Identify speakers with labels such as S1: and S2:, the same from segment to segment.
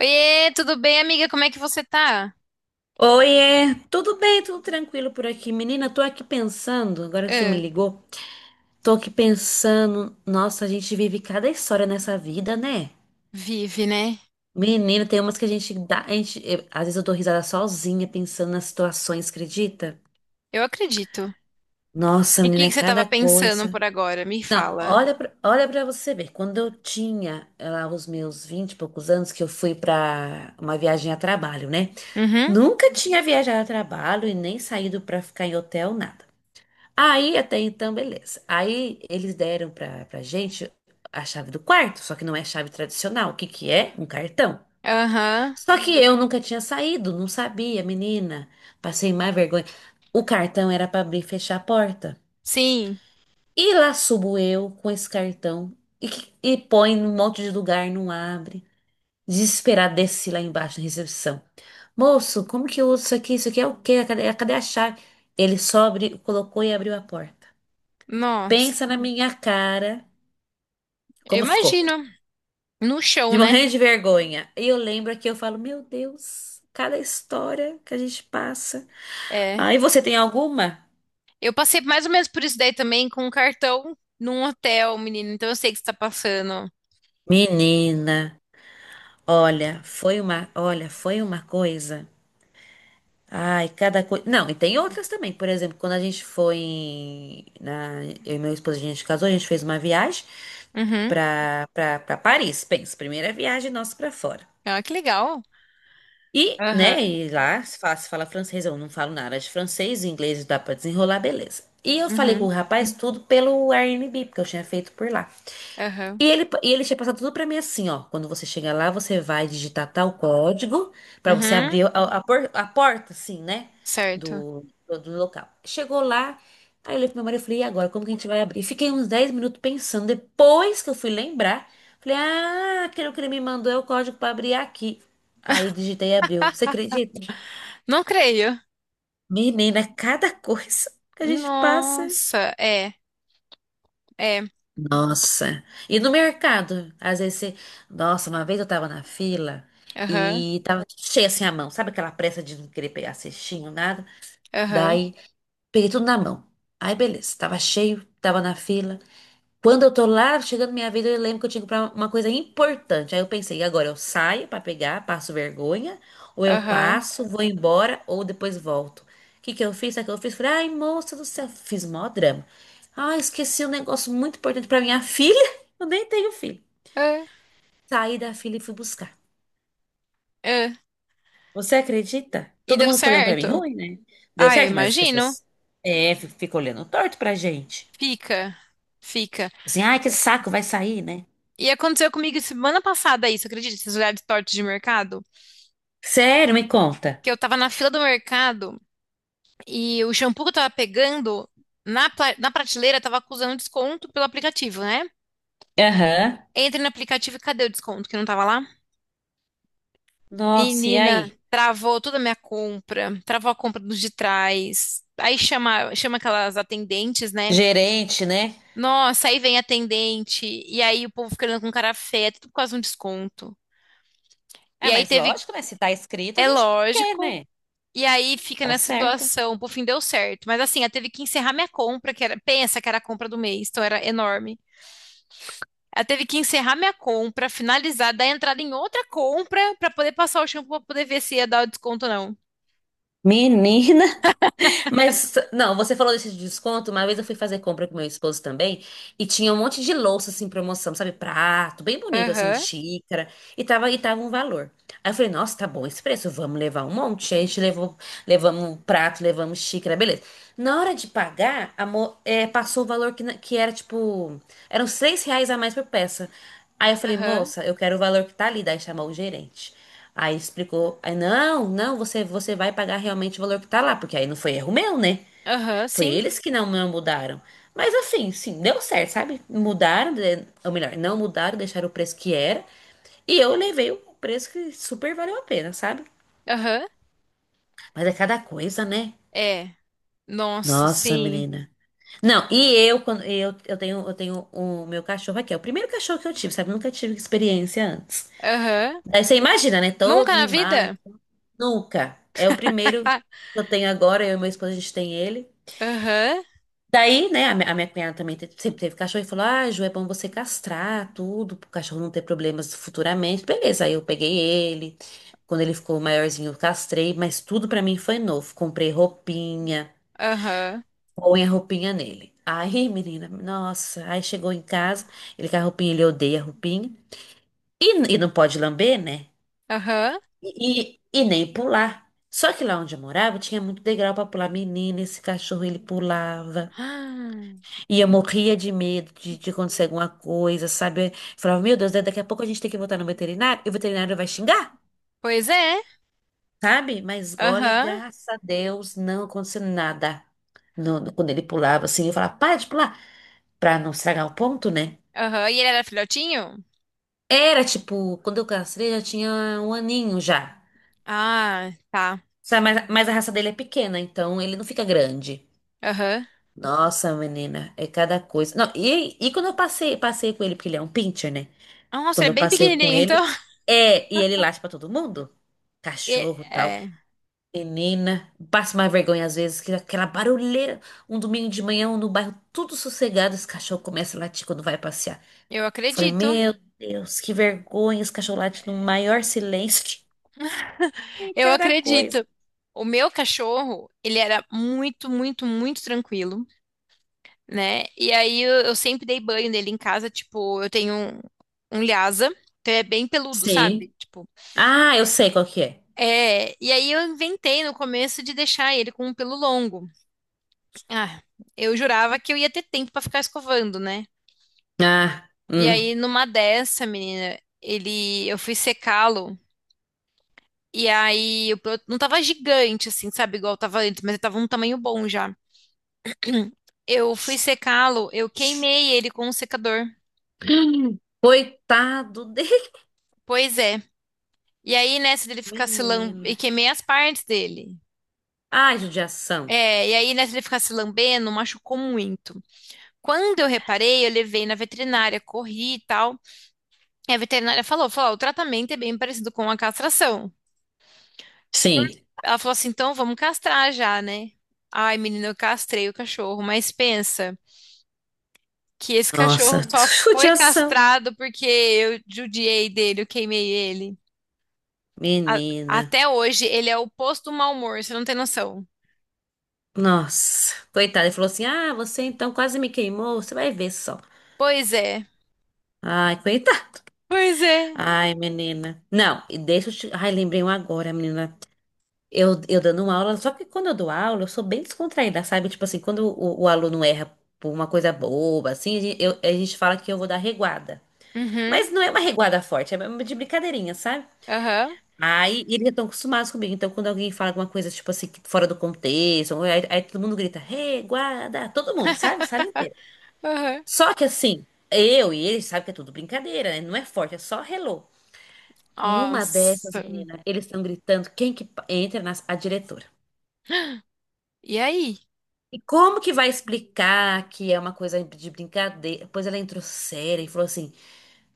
S1: Oiê, tudo bem, amiga? Como é que você tá?
S2: Oiê, tudo bem, tudo tranquilo por aqui. Menina, tô aqui pensando, agora que você me
S1: Ah,
S2: ligou, tô aqui pensando, nossa, a gente vive cada história nessa vida, né?
S1: vive, né?
S2: Menina, tem umas que a gente dá, a gente, às vezes eu dou risada sozinha pensando nas situações, acredita?
S1: Eu acredito.
S2: Nossa,
S1: E o que
S2: menina, é
S1: que você tava
S2: cada
S1: pensando por
S2: coisa.
S1: agora? Me
S2: Não,
S1: fala.
S2: olha pra você ver, quando eu tinha lá os meus 20 e poucos anos, que eu fui pra uma viagem a trabalho, né?
S1: Uhum,
S2: Nunca tinha viajado a trabalho e nem saído pra ficar em hotel, nada. Aí até então, beleza. Aí eles deram pra gente a chave do quarto, só que não é chave tradicional. O que que é? Um cartão.
S1: aham,
S2: Só que eu nunca tinha saído, não sabia, menina. Passei mais vergonha. O cartão era pra abrir e fechar a porta.
S1: sim.
S2: E lá subo eu com esse cartão e põe num monte de lugar, não abre. Desesperada, desci lá embaixo na recepção. Moço, como que eu uso isso aqui? Isso aqui é o quê? Cadê a chave? Ele colocou e abriu a porta.
S1: Nossa,
S2: Pensa na minha cara,
S1: eu
S2: como ficou,
S1: imagino. No chão,
S2: de
S1: né?
S2: morrer de vergonha. E eu lembro que eu falo, meu Deus, cada história que a gente passa.
S1: É.
S2: Aí você tem alguma?
S1: Eu passei mais ou menos por isso daí também com um cartão num hotel, menino. Então eu sei que você tá passando.
S2: Menina, olha, olha, foi uma coisa. Ai, cada coisa. Não, e tem outras também. Por exemplo, quando a gente eu e meu esposo, a gente casou, a gente fez uma viagem
S1: Uhum.
S2: pra para Paris. Pensa, primeira viagem nossa pra fora.
S1: Ah, que legal.
S2: E, né,
S1: Aham,
S2: e lá se fala francês, eu não falo nada de francês, inglês dá pra desenrolar, beleza. E eu falei com o
S1: uhum,
S2: rapaz tudo pelo Airbnb, porque eu tinha feito por lá.
S1: aham,
S2: E ele tinha passado tudo pra mim assim, ó. Quando você chegar lá, você vai digitar tal código pra você
S1: uhum.
S2: abrir a porta, assim, né?
S1: Certo.
S2: Do local. Chegou lá, aí eu olhei pro meu marido e falei, e agora, como que a gente vai abrir? Fiquei uns 10 minutos pensando. Depois que eu fui lembrar, falei, ah, aquele que ele me mandou é o código pra abrir aqui. Aí digitei e abriu. Você acredita?
S1: Não creio.
S2: Menina, cada coisa que a gente passa.
S1: Nossa, é, é.
S2: Nossa. E no mercado, às vezes você... Nossa, uma vez eu tava na fila
S1: Aham,
S2: e tava cheia assim a mão. Sabe aquela pressa de não querer pegar cestinho, nada?
S1: aham.
S2: Daí, peguei tudo na mão. Aí, beleza. Tava cheio, tava na fila. Quando eu tô lá, chegando minha vida, eu lembro que eu tinha que comprar uma coisa importante. Aí eu pensei, e agora eu saio pra pegar, passo vergonha, ou eu
S1: Aham.
S2: passo, vou embora, ou depois volto. O que que eu fiz? Sabe o que eu fiz? Falei, ai, moça do céu, fiz mó drama. Ah, esqueci um negócio muito importante pra minha filha. Eu nem tenho filho.
S1: É,
S2: Saí da fila e fui buscar.
S1: é.
S2: Você acredita?
S1: E
S2: Todo
S1: deu
S2: mundo ficou olhando pra mim
S1: certo.
S2: ruim, né? Deu
S1: Ah, eu
S2: certo, mas as
S1: imagino.
S2: pessoas é, ficam olhando torto pra gente.
S1: Fica. Fica.
S2: Assim, ai, que saco, vai sair, né?
S1: E aconteceu comigo semana passada isso, acredita? Esses olhares tortos de mercado.
S2: Sério, me conta.
S1: Que eu tava na fila do mercado e o shampoo que eu tava pegando na prateleira tava acusando desconto pelo aplicativo, né?
S2: Aham.
S1: Entrei no aplicativo e cadê o desconto que não tava lá?
S2: Nossa, e
S1: Menina,
S2: aí?
S1: travou toda a minha compra, travou a compra dos de trás. Aí chama, chama aquelas atendentes, né?
S2: Gerente, né?
S1: Nossa, aí vem atendente, e aí o povo ficando com cara feia, tudo por causa de um desconto.
S2: É,
S1: E aí
S2: mas
S1: teve,
S2: lógico, né? Se tá escrito, a
S1: é
S2: gente quer,
S1: lógico,
S2: né?
S1: e aí fica
S2: Tá
S1: nessa
S2: certa.
S1: situação, por fim deu certo. Mas assim, ela teve que encerrar minha compra, que era, pensa que era a compra do mês, então era enorme. Ela teve que encerrar minha compra, finalizar, dar entrada em outra compra pra poder passar o shampoo pra poder ver se ia dar o desconto ou não.
S2: Menina, mas não, você falou desse desconto. Uma vez eu fui fazer compra com meu esposo também e tinha um monte de louça assim, promoção, sabe? Prato, bem bonito, assim,
S1: Aham,
S2: xícara, e tava um valor. Aí eu falei, nossa, tá bom esse preço, vamos levar um monte. Aí a gente levou, levamos um prato, levamos xícara, beleza. Na hora de pagar, é, passou o valor que era tipo. Eram 6 reais a mais por peça. Aí eu falei,
S1: aham,
S2: moça, eu quero o valor que tá ali. Daí chamou o gerente. Aí explicou. Aí, não, não, você vai pagar realmente o valor que tá lá. Porque aí não foi erro meu, né?
S1: aham,
S2: Foi
S1: sim,
S2: eles que não mudaram. Mas assim, sim, deu certo, sabe? Mudaram, né? Ou melhor, não mudaram, deixaram o preço que era. E eu levei o preço que super valeu a pena, sabe?
S1: aham,
S2: Mas é cada coisa, né?
S1: é. Nossa,
S2: Nossa,
S1: sim,
S2: menina. Não, quando eu tenho o meu cachorro aqui. É o primeiro cachorro que eu tive, sabe? Nunca tive experiência antes.
S1: aham.
S2: Daí você imagina, né?
S1: Nunca
S2: Todo
S1: na
S2: mimado.
S1: vida?
S2: Nunca. É o primeiro que
S1: Ah,
S2: eu tenho agora. Eu e meu esposo, a gente tem ele.
S1: aham,
S2: Daí, né, a minha cunhada também sempre teve cachorro e falou: Ah, Ju, é bom você castrar tudo, pro cachorro não ter problemas futuramente. Beleza, aí eu peguei ele. Quando ele ficou maiorzinho, eu castrei, mas tudo pra mim foi novo. Comprei roupinha.
S1: aham.
S2: Põe a roupinha nele. Aí, menina, nossa, aí chegou em casa, ele com a roupinha, ele odeia a roupinha. E, e não pode lamber, né?
S1: Aham.
S2: E, e, nem pular. Só que lá onde eu morava tinha muito degrau pra pular. Menina, esse cachorro ele pulava.
S1: Ah,
S2: E eu morria de medo de acontecer alguma coisa, sabe? Eu falava, meu Deus, né, daqui a pouco a gente tem que voltar no veterinário e o veterinário vai xingar,
S1: pois é.
S2: sabe? Mas olha,
S1: Aham.
S2: graças a Deus, não aconteceu nada. Quando ele pulava assim, eu falava, para de pular, pra não estragar o ponto, né?
S1: Aham. E ele era filhotinho?
S2: Era tipo, quando eu castrei já tinha um aninho já.
S1: Ah, tá.
S2: Sabe, mas a raça dele é pequena, então ele não fica grande.
S1: Aham.
S2: Nossa, menina, é cada coisa. Não, e quando eu passei, passei com ele, porque ele é um pincher, né?
S1: Nossa,
S2: Quando
S1: ele é
S2: eu
S1: bem
S2: passei com
S1: pequenininho, então.
S2: ele, é, e ele late pra todo mundo.
S1: E-
S2: Cachorro, tal.
S1: é,
S2: Menina, passa uma vergonha às vezes, que aquela barulheira, um domingo de manhã, um no bairro tudo sossegado, esse cachorro começa a latir quando vai passear.
S1: eu
S2: Eu falei,
S1: acredito.
S2: meu Deus, que vergonha, esse cachorro late no maior silêncio. Tem
S1: Eu
S2: cada coisa.
S1: acredito. O meu cachorro, ele era muito tranquilo, né? E aí eu sempre dei banho nele em casa. Tipo, eu tenho um Lhasa, então ele é bem peludo, sabe?
S2: Sim.
S1: Tipo,
S2: Ah, eu sei qual que é.
S1: é. E aí eu inventei no começo de deixar ele com um pelo longo. Ah, eu jurava que eu ia ter tempo pra ficar escovando, né?
S2: Ah,
S1: E
S2: hum.
S1: aí, numa dessa, menina, ele, eu fui secá-lo. E aí, eu não tava gigante, assim, sabe? Igual tava antes, mas ele tava um tamanho bom já. Eu fui secá-lo, eu queimei ele com o secador.
S2: Coitado dele.
S1: Pois é. E aí, nessa dele ficar se lambendo, e
S2: Menina.
S1: queimei as partes dele.
S2: Ai, judiação.
S1: É, e aí, nessa dele ficar se lambendo, machucou muito. Quando eu reparei, eu levei na veterinária, corri e tal. E a veterinária falou, "Ó, o tratamento é bem parecido com a castração."
S2: Sim.
S1: Ela falou assim, então vamos castrar já, né? Ai, menina, eu castrei o cachorro, mas pensa que esse
S2: Nossa,
S1: cachorro só foi
S2: judiação.
S1: castrado porque eu judiei dele, eu queimei ele. A-
S2: Menina.
S1: até hoje, ele é o oposto do mau humor, você não tem noção.
S2: Nossa. Coitado. Ele falou assim: Ah, você então quase me queimou. Você vai ver só.
S1: Pois é,
S2: Ai, coitado.
S1: pois é.
S2: Ai, menina. Não, e deixa eu te. Ai, lembrei um agora, menina. Eu dando aula, só que quando eu dou aula, eu sou bem descontraída, sabe? Tipo assim, quando o aluno erra por uma coisa boba, assim, a gente fala que eu vou dar reguada.
S1: Uhum,
S2: Mas não é uma reguada forte, é uma de brincadeirinha, sabe?
S1: aham,
S2: Aí eles já estão acostumados comigo. Então, quando alguém fala alguma coisa, tipo assim, que fora do contexto, aí todo mundo grita, reguada, todo mundo, sabe? Sala inteira.
S1: aham.
S2: Só que assim, eu e eles sabem que é tudo brincadeira, né? Não é forte, é só hello. Numa dessas,
S1: Nossa.
S2: menina, eles estão gritando, entra a diretora.
S1: E aí?
S2: E como que vai explicar que é uma coisa de brincadeira? Depois ela entrou séria e falou assim: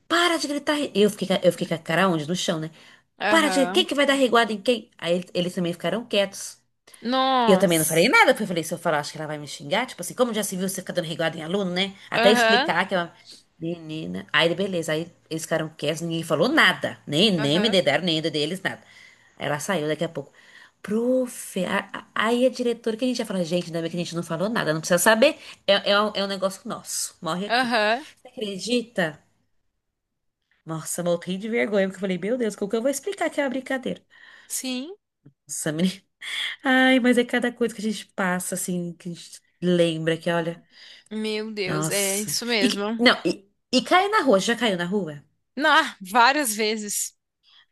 S2: Para de gritar. Re-" Eu fiquei, eu fiquei com a cara onde? No chão, né? Para de. Quem
S1: Aham.
S2: que vai dar reguada em quem? Aí eles também ficaram quietos. Eu também não falei
S1: Nossa.
S2: nada, porque eu falei, se eu falar, acho que ela vai me xingar. Tipo assim, como já se viu você ficar dando reguada em aluno, né? Até
S1: Aham,
S2: explicar que ela. Menina. Aí, beleza. Aí eles ficaram quietos, ninguém falou nada. Nem me
S1: aham,
S2: dedaram, nem deles, nada. Aí ela saiu daqui a pouco. Prof, aí a diretora que a gente ia falar, gente, ainda bem que a gente não falou nada, não precisa saber. É, é um negócio nosso. Morre aqui.
S1: aham.
S2: Você acredita? Nossa, eu morri de vergonha, porque eu falei, meu Deus, como que eu vou explicar que é uma brincadeira?
S1: Sim.
S2: Nossa, ai, mas é cada coisa que a gente passa, assim, que a gente lembra que, olha,
S1: Meu Deus, é
S2: nossa.
S1: isso mesmo.
S2: Não, e cair na rua, já caiu na rua?
S1: Ah, várias vezes.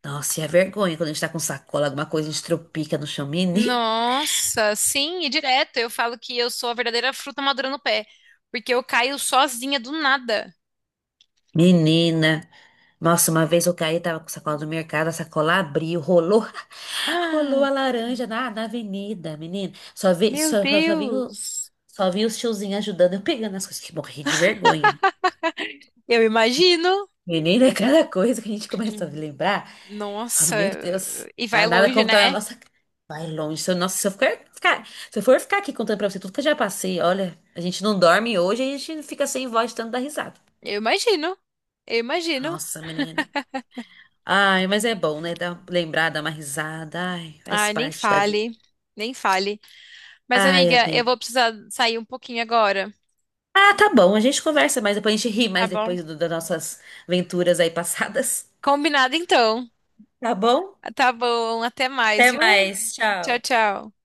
S2: Nossa, e a vergonha quando a gente tá com sacola, alguma coisa, a gente tropica no chão. Meni-
S1: Nossa, sim, e direto. Eu falo que eu sou a verdadeira fruta madura no pé, porque eu caio sozinha do nada.
S2: Menina, nossa, uma vez eu caí, tava com sacola do mercado, a sacola abriu, rolou, rolou
S1: Ah,
S2: a laranja na avenida, menina.
S1: meu
S2: Só vi,
S1: Deus!
S2: só vi os tiozinhos ajudando, eu pegando as coisas, que morri de vergonha.
S1: Eu imagino.
S2: Menina, é cada coisa que a gente começa a lembrar, eu falo,
S1: Nossa,
S2: meu Deus,
S1: e
S2: ah,
S1: vai
S2: nada
S1: longe,
S2: como
S1: né?
S2: tá na nossa. Vai longe. Se eu, nossa, se eu for ficar aqui contando pra você tudo que eu já passei, olha, a gente não dorme hoje, a gente fica sem voz de tanto dar risada.
S1: Eu imagino. Eu imagino.
S2: Nossa, menina. Ai, mas é bom, né? Dar, lembrar, dar uma risada. Ai, faz
S1: Ai, nem
S2: parte da vida.
S1: fale, nem fale. Mas,
S2: Ai,
S1: amiga, eu vou
S2: amiga.
S1: precisar sair um pouquinho agora,
S2: Ah, tá bom, a gente conversa mais depois, a gente ri
S1: tá
S2: mais
S1: bom?
S2: depois das nossas aventuras aí passadas.
S1: Combinado então.
S2: Tá bom?
S1: Tá bom, até mais,
S2: Até
S1: viu?
S2: mais,
S1: Tchau,
S2: tchau.
S1: tchau.